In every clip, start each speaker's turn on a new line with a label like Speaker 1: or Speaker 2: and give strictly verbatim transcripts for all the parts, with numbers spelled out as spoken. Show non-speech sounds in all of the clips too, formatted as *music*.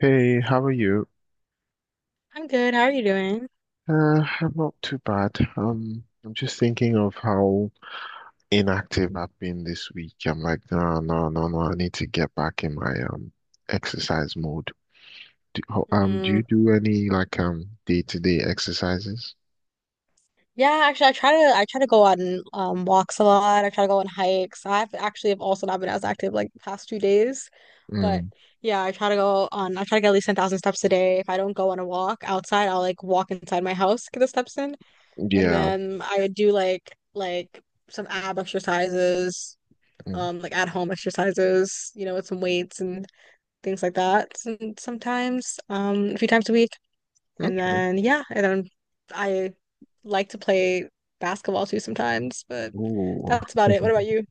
Speaker 1: Hey, how are you?
Speaker 2: I'm good. How are you doing?
Speaker 1: Uh, I'm not too bad. Um, I'm just thinking of how inactive I've been this week. I'm like, no, no, no, no. I need to get back in my um exercise mode. Do, ho- um, do
Speaker 2: Mm,
Speaker 1: you do any like um day-to-day exercises?
Speaker 2: yeah, actually, I try to I try to go on um walks a lot. I try to go on hikes. I've actually have also not been as active like the past two days, but
Speaker 1: Mm,
Speaker 2: yeah, I try to go on. I try to get at least ten thousand steps a day. If I don't go on a walk outside, I'll like walk inside my house, get the steps in, and
Speaker 1: yeah.
Speaker 2: then I would do like like some ab exercises,
Speaker 1: Mm,
Speaker 2: um, like at home exercises, you know, with some weights and things like that. And Sometimes, um, a few times a week. And
Speaker 1: okay.
Speaker 2: then yeah, and then I like to play basketball too sometimes, but
Speaker 1: Ooh.
Speaker 2: that's about it. What about
Speaker 1: *laughs*
Speaker 2: you?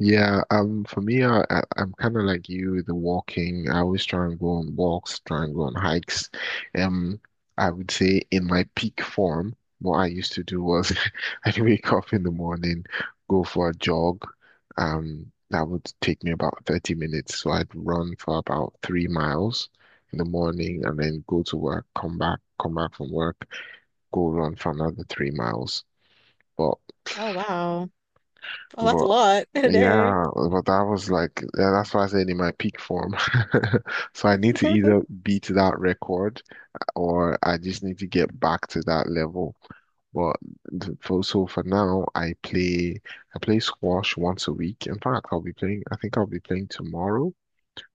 Speaker 1: Yeah, um, for me, I, I- I'm kind of like you with the walking. I always try and go on walks, try and go on hikes. Um, I would say in my peak form, what I used to do was *laughs* I'd wake up in the morning, go for a jog. Um, that would take me about thirty minutes. So I'd run for about three miles in the morning
Speaker 2: Mm.
Speaker 1: and then go to work, come back, come back from work, go run for another three miles. But
Speaker 2: Oh wow. Oh, that's a
Speaker 1: but
Speaker 2: lot *laughs* in a day.
Speaker 1: yeah, but that was like yeah, that's why I said in my peak form. *laughs* So I need to either
Speaker 2: *laughs*
Speaker 1: beat that record or I just need to get back to that level. But th- for so For now, I play I play squash once a week. In fact, I'll be playing. I think I'll be playing tomorrow.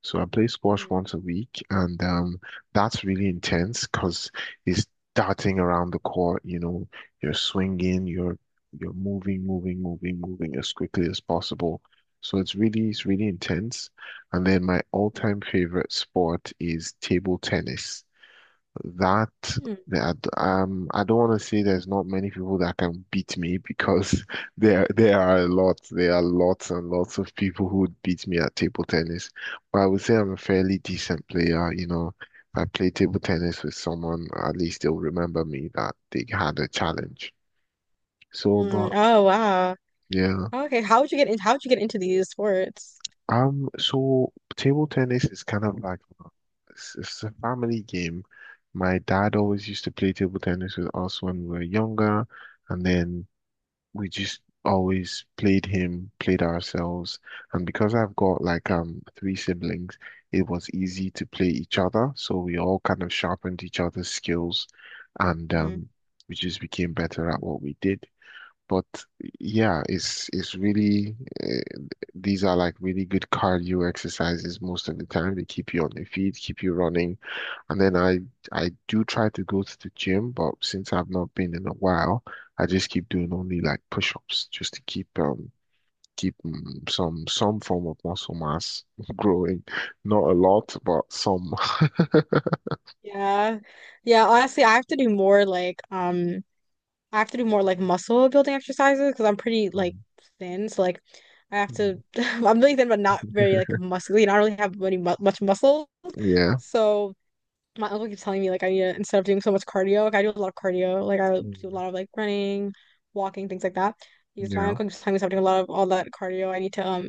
Speaker 1: So I play squash
Speaker 2: Mm,
Speaker 1: once a week, and um, that's really intense because it's darting around the court. You know, you're swinging, you're you're moving, moving, moving, moving as quickly as possible. So it's really it's really intense. And then my
Speaker 2: mm,
Speaker 1: all-time favorite sport is table tennis. That
Speaker 2: mm,
Speaker 1: that um, I don't want to say there's not many people that can beat me because *laughs* there there are a lot. There are lots and lots of people who would beat me at table tennis. But I would say I'm a fairly decent player. You know, if I play table tennis with someone, at least they'll remember me that they had a challenge. So,
Speaker 2: mm.
Speaker 1: but
Speaker 2: Oh wow.
Speaker 1: yeah.
Speaker 2: Okay, how would you get in, how would you get into these sports?
Speaker 1: Um, so table tennis is kind of like it's, it's a family game. My dad always used to play table tennis with us when we were younger, and then we just always played him, played ourselves. And because I've got like um three siblings, it was easy to play each other, so we all kind of sharpened each other's skills, and
Speaker 2: Mm.
Speaker 1: um, we just became better at what we did. But yeah, it's it's really uh, these are like really good cardio exercises most of the time. They keep you on your feet, keep you running. And then I I do try to go to the gym, but since I've not been in a while, I just keep doing only like push-ups just to keep um keep mm, some some form of muscle mass *laughs* growing. Not a lot, but some. *laughs*
Speaker 2: Yeah. Yeah, honestly, I have to do more like um I have to do more like muscle building exercises because I'm pretty like
Speaker 1: Mm,
Speaker 2: thin. So like I have to
Speaker 1: mm,
Speaker 2: *laughs* I'm really thin but not very like muscly. I don't really have any mu much muscle.
Speaker 1: yeah.
Speaker 2: So my uncle keeps telling me like I need to instead of doing so much cardio, like I do a lot of cardio, like I do a
Speaker 1: Mm.
Speaker 2: lot of like running, walking, things like that. Because my
Speaker 1: Yeah.
Speaker 2: uncle keeps telling me so I'm doing a lot of all that cardio, I need to um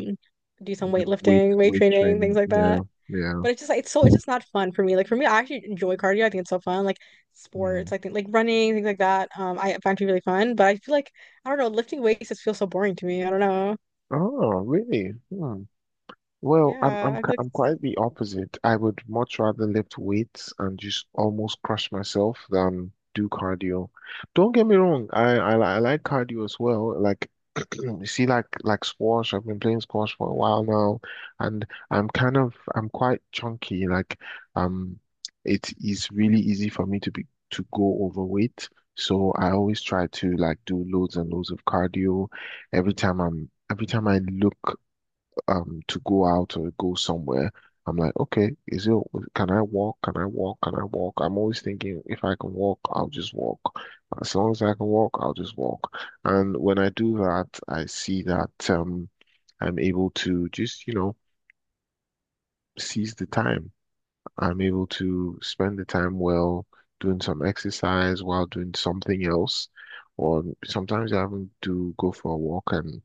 Speaker 2: do some
Speaker 1: You do Weight
Speaker 2: weightlifting, weight
Speaker 1: weight
Speaker 2: training, things
Speaker 1: training.
Speaker 2: like
Speaker 1: Yeah.
Speaker 2: that.
Speaker 1: Yeah.
Speaker 2: But it's just like it's so it's just not fun for me. Like for me, I actually enjoy cardio. I think it's so fun. Like sports,
Speaker 1: Mm.
Speaker 2: I think like running, things like that. Um, I find to be really fun. But I feel like I don't know, lifting weights just feels so boring to me. I don't know.
Speaker 1: Oh, really? Hmm. Well, I'm
Speaker 2: Yeah,
Speaker 1: I'm
Speaker 2: I
Speaker 1: ki-
Speaker 2: feel like
Speaker 1: I'm
Speaker 2: it's
Speaker 1: quite the opposite. I would much rather lift weights and just almost crush myself than do cardio. Don't get me wrong, I I, li- I like cardio as well. Like *clears throat* you see, like like squash. I've been playing squash for a while now, and I'm kind of I'm quite chunky. Like um, it is really easy for me to be to go overweight. So I always try to like do loads and loads of cardio every time I'm every time I look um to go out or go somewhere, I'm like, okay, is it can I walk? Can I walk? Can I walk? I'm always thinking if I can walk, I'll just walk. As long as I can walk, I'll just walk. And when I do that, I see that um I'm able to just, you know, seize the time. I'm able to spend the time well doing some exercise while doing something else. Or sometimes I even do go for a walk and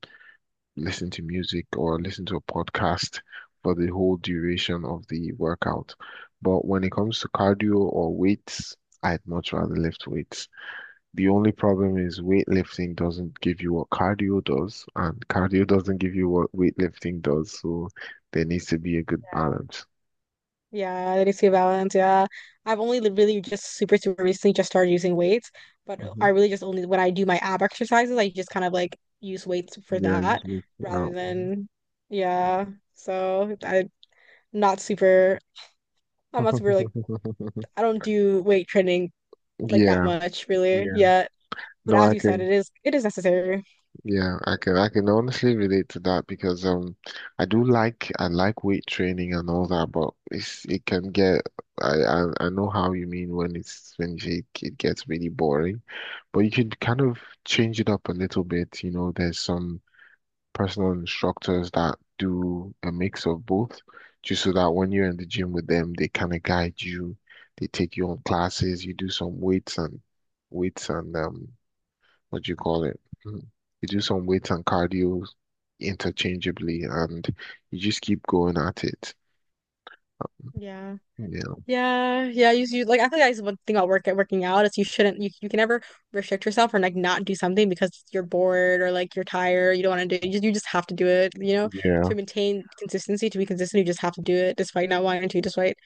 Speaker 1: listen to music or listen to a podcast for the whole duration of the workout. But when it comes to cardio or weights, I'd much rather lift weights. The only problem is weightlifting doesn't give you what cardio does, and cardio doesn't give you what weightlifting does. So there needs to be a good balance.
Speaker 2: Yeah, that is a balance. Yeah. I've only li- really just super, super recently just started using weights, but
Speaker 1: Hmm.
Speaker 2: I really just only when I do my ab exercises, I just kind of like use weights for
Speaker 1: Yeah, I use
Speaker 2: that
Speaker 1: weights for
Speaker 2: rather
Speaker 1: that. Mhm.
Speaker 2: than, yeah. So I'm not super, I'm not super like,
Speaker 1: *laughs*
Speaker 2: I don't do weight training like that
Speaker 1: Yeah,
Speaker 2: much really
Speaker 1: yeah.
Speaker 2: yet. But
Speaker 1: No,
Speaker 2: as
Speaker 1: I
Speaker 2: you said,
Speaker 1: can.
Speaker 2: it is, it is necessary.
Speaker 1: Yeah, I can I can honestly relate to that because um I do like I like weight training and all that, but it's it can get I I, I know how you mean when it's when you say it, it gets really boring, but you could kind of change it up a little bit. You know, there's some personal instructors that do a mix of both, just so that when you're in the gym with them, they kind of guide you, they take you on classes, you do some weights and weights and um what do you call it? Mm. You do some weights and cardio interchangeably, and you just keep going at it.
Speaker 2: Yeah.
Speaker 1: Yeah.
Speaker 2: Yeah, yeah. You, you like I think that's one thing about work working out is you shouldn't you, you can never restrict yourself or like not do something because you're bored or like you're tired, you don't want to do it. You just, you just have to do it, you know,
Speaker 1: Yeah.
Speaker 2: to maintain consistency, to be consistent, you just have to do it despite not wanting to, despite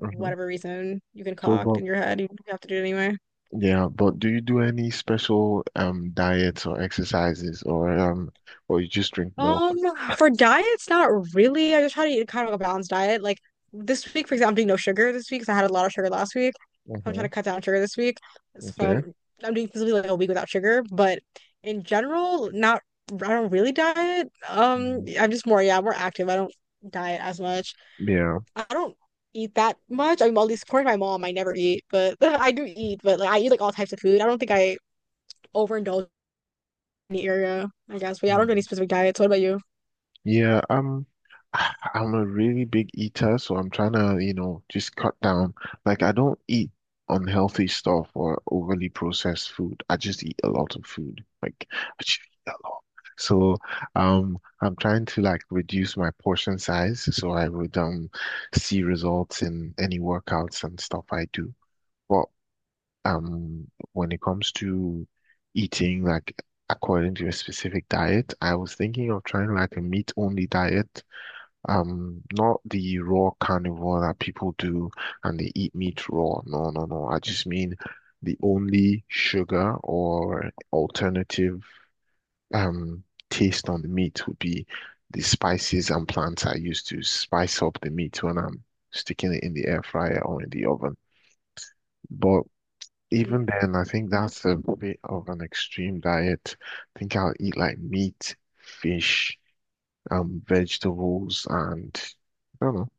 Speaker 1: Hmm.
Speaker 2: whatever reason you can
Speaker 1: So,
Speaker 2: concoct
Speaker 1: but
Speaker 2: in your head, you have to do it anyway.
Speaker 1: yeah, but do you do any special um diets or exercises, or um, or you just drink milk?
Speaker 2: Um, for diets, not really. I just try to eat kind of a balanced diet. Like this week, for example, I'm doing no sugar this week because I had a lot of sugar last week. So I'm
Speaker 1: Hmm.
Speaker 2: trying to cut down sugar this week. So
Speaker 1: Okay.
Speaker 2: I'm, I'm doing basically like a week without sugar. But in general, not I don't really diet. Um,
Speaker 1: Mm.
Speaker 2: I'm just more, yeah, more active. I don't diet as much.
Speaker 1: Yeah.
Speaker 2: I don't eat that much. I mean, well, at least according to my mom, I never eat, but *laughs* I do eat, but like I eat like all types of food. I don't think I overindulge in the area, I guess. But yeah, I don't do any specific diets. What about you?
Speaker 1: Yeah, um, I- I'm a really big eater, so I'm trying to, you know, just cut down. Like, I don't eat unhealthy stuff or overly processed food. I just eat a lot of food. Like, I just eat a lot. So, um, I'm trying to like reduce my portion size so I would um see results in any workouts and stuff I do. But um, when it comes to eating, like according to your specific diet, I was thinking of trying like a meat-only diet. Um, not the raw carnivore that people do and they eat meat raw. No, no, no. I just mean the only sugar or alternative um taste on the meat would be the spices and plants I use to spice up the meat when I'm sticking it in the air fryer or in the oven. But even then, I think that's a bit of an extreme diet. I think I'll eat like meat, fish, um, vegetables, and I don't know,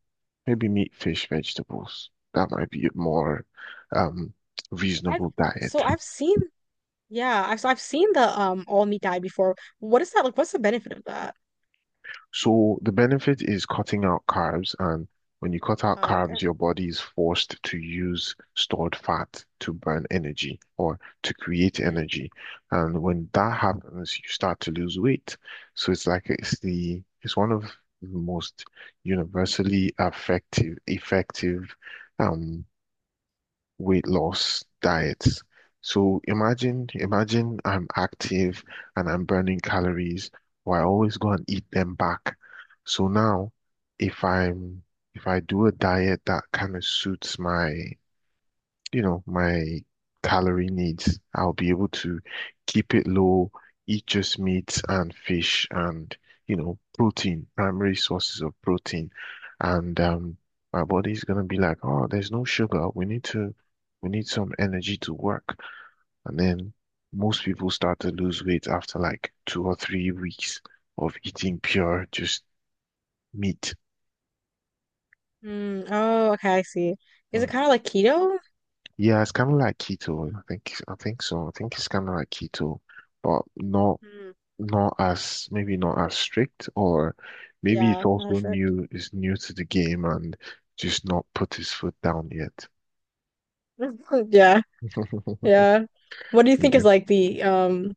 Speaker 1: maybe meat, fish, vegetables. That might be a more um
Speaker 2: I've
Speaker 1: reasonable
Speaker 2: so
Speaker 1: diet.
Speaker 2: I've seen yeah, I've so I've seen the um all meat diet before. What is that like? What's the benefit of that?
Speaker 1: So the benefit is cutting out carbs, and when you cut out
Speaker 2: Oh, okay.
Speaker 1: carbs, your body is forced to use stored fat to burn energy or to create
Speaker 2: Mm.
Speaker 1: energy. And when that happens, you start to lose weight. So it's like it's the it's one of the most universally effective effective um weight loss diets. So imagine, imagine I'm active and I'm burning calories, but I always go and eat them back. So now, if I'm if I do a diet that kind of suits my you know, my calorie needs. I'll be able to keep it low, eat just meat and fish and, you know, protein, primary sources of protein. And um, my body's gonna be like, oh, there's no sugar. We need to, we need some energy to work. And then most people start to lose weight after like two or three weeks of eating pure just meat.
Speaker 2: Mm. Oh, okay, I see. Is
Speaker 1: Mm.
Speaker 2: it kind of like keto?
Speaker 1: Yeah, it's kind of like keto. I think I think so. I think it's kind of like keto, but not
Speaker 2: Mm.
Speaker 1: not as maybe not as strict, or maybe it's
Speaker 2: Yeah, not
Speaker 1: also
Speaker 2: sure.
Speaker 1: new, is new to the game and just not put his foot down yet.
Speaker 2: *laughs* Yeah,
Speaker 1: *laughs*
Speaker 2: yeah. What do you think
Speaker 1: Yeah.
Speaker 2: is like the um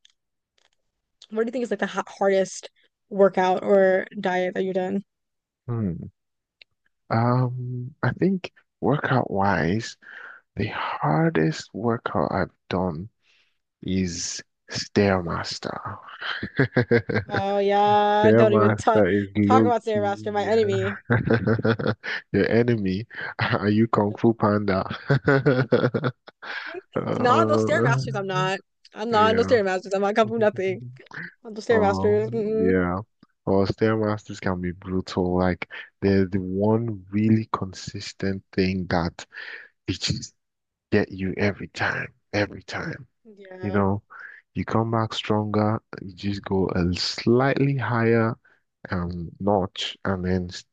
Speaker 2: what do you think is like the ha hardest workout or diet that you've done?
Speaker 1: Hmm. Um, I think workout wise, the hardest workout I've done is Stairmaster. *laughs*
Speaker 2: Oh yeah, don't even talk
Speaker 1: Stairmaster is
Speaker 2: talk
Speaker 1: low
Speaker 2: about
Speaker 1: key,
Speaker 2: Stairmaster, my enemy.
Speaker 1: yeah. *laughs* Your enemy. *laughs* Are you Kung
Speaker 2: Yeah.
Speaker 1: Fu Panda? *laughs*
Speaker 2: *laughs* Not those
Speaker 1: Uh,
Speaker 2: Stairmasters, I'm not. I'm not in those
Speaker 1: yeah.
Speaker 2: Stairmasters. I'm not coming from nothing.
Speaker 1: *laughs*
Speaker 2: Dumpster
Speaker 1: Oh,
Speaker 2: Masters. Mm-mm.
Speaker 1: yeah. Well, Stairmasters can be brutal. Like, they're the one really consistent thing that it just get you every time, every time. You
Speaker 2: Yeah,
Speaker 1: know, you come back stronger, you just go a slightly higher um notch, and then s-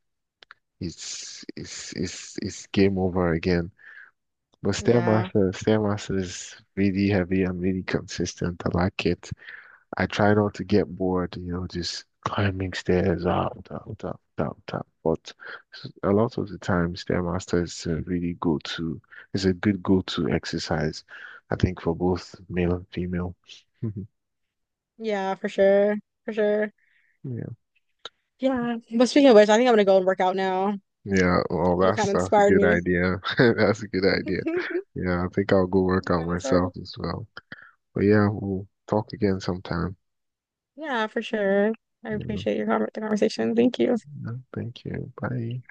Speaker 1: it's it's it's it's game over again. But
Speaker 2: yeah,
Speaker 1: Stairmaster, Stairmaster is really heavy and really consistent. I like it. I try not to get bored, you know, just climbing stairs up, up, up, up, up. But s- a lot of the time, Stairmaster is a really go-to, it's a good go-to exercise, I think, for both male and female. *laughs*
Speaker 2: yeah, for sure, for sure.
Speaker 1: Yeah.
Speaker 2: Yeah. But speaking of which, I think I'm gonna go and work out now.
Speaker 1: Yeah, well,
Speaker 2: You
Speaker 1: that's
Speaker 2: kind of
Speaker 1: that's a
Speaker 2: inspired
Speaker 1: good
Speaker 2: me.
Speaker 1: idea. *laughs* That's a good idea.
Speaker 2: *laughs*
Speaker 1: Yeah, I think I'll go work
Speaker 2: You
Speaker 1: out
Speaker 2: kind of inspired me.
Speaker 1: myself as well. But yeah, we'll talk again sometime.
Speaker 2: Yeah, for sure. I
Speaker 1: You know.
Speaker 2: appreciate your conver the conversation. Thank you.
Speaker 1: Yeah, thank you. Bye.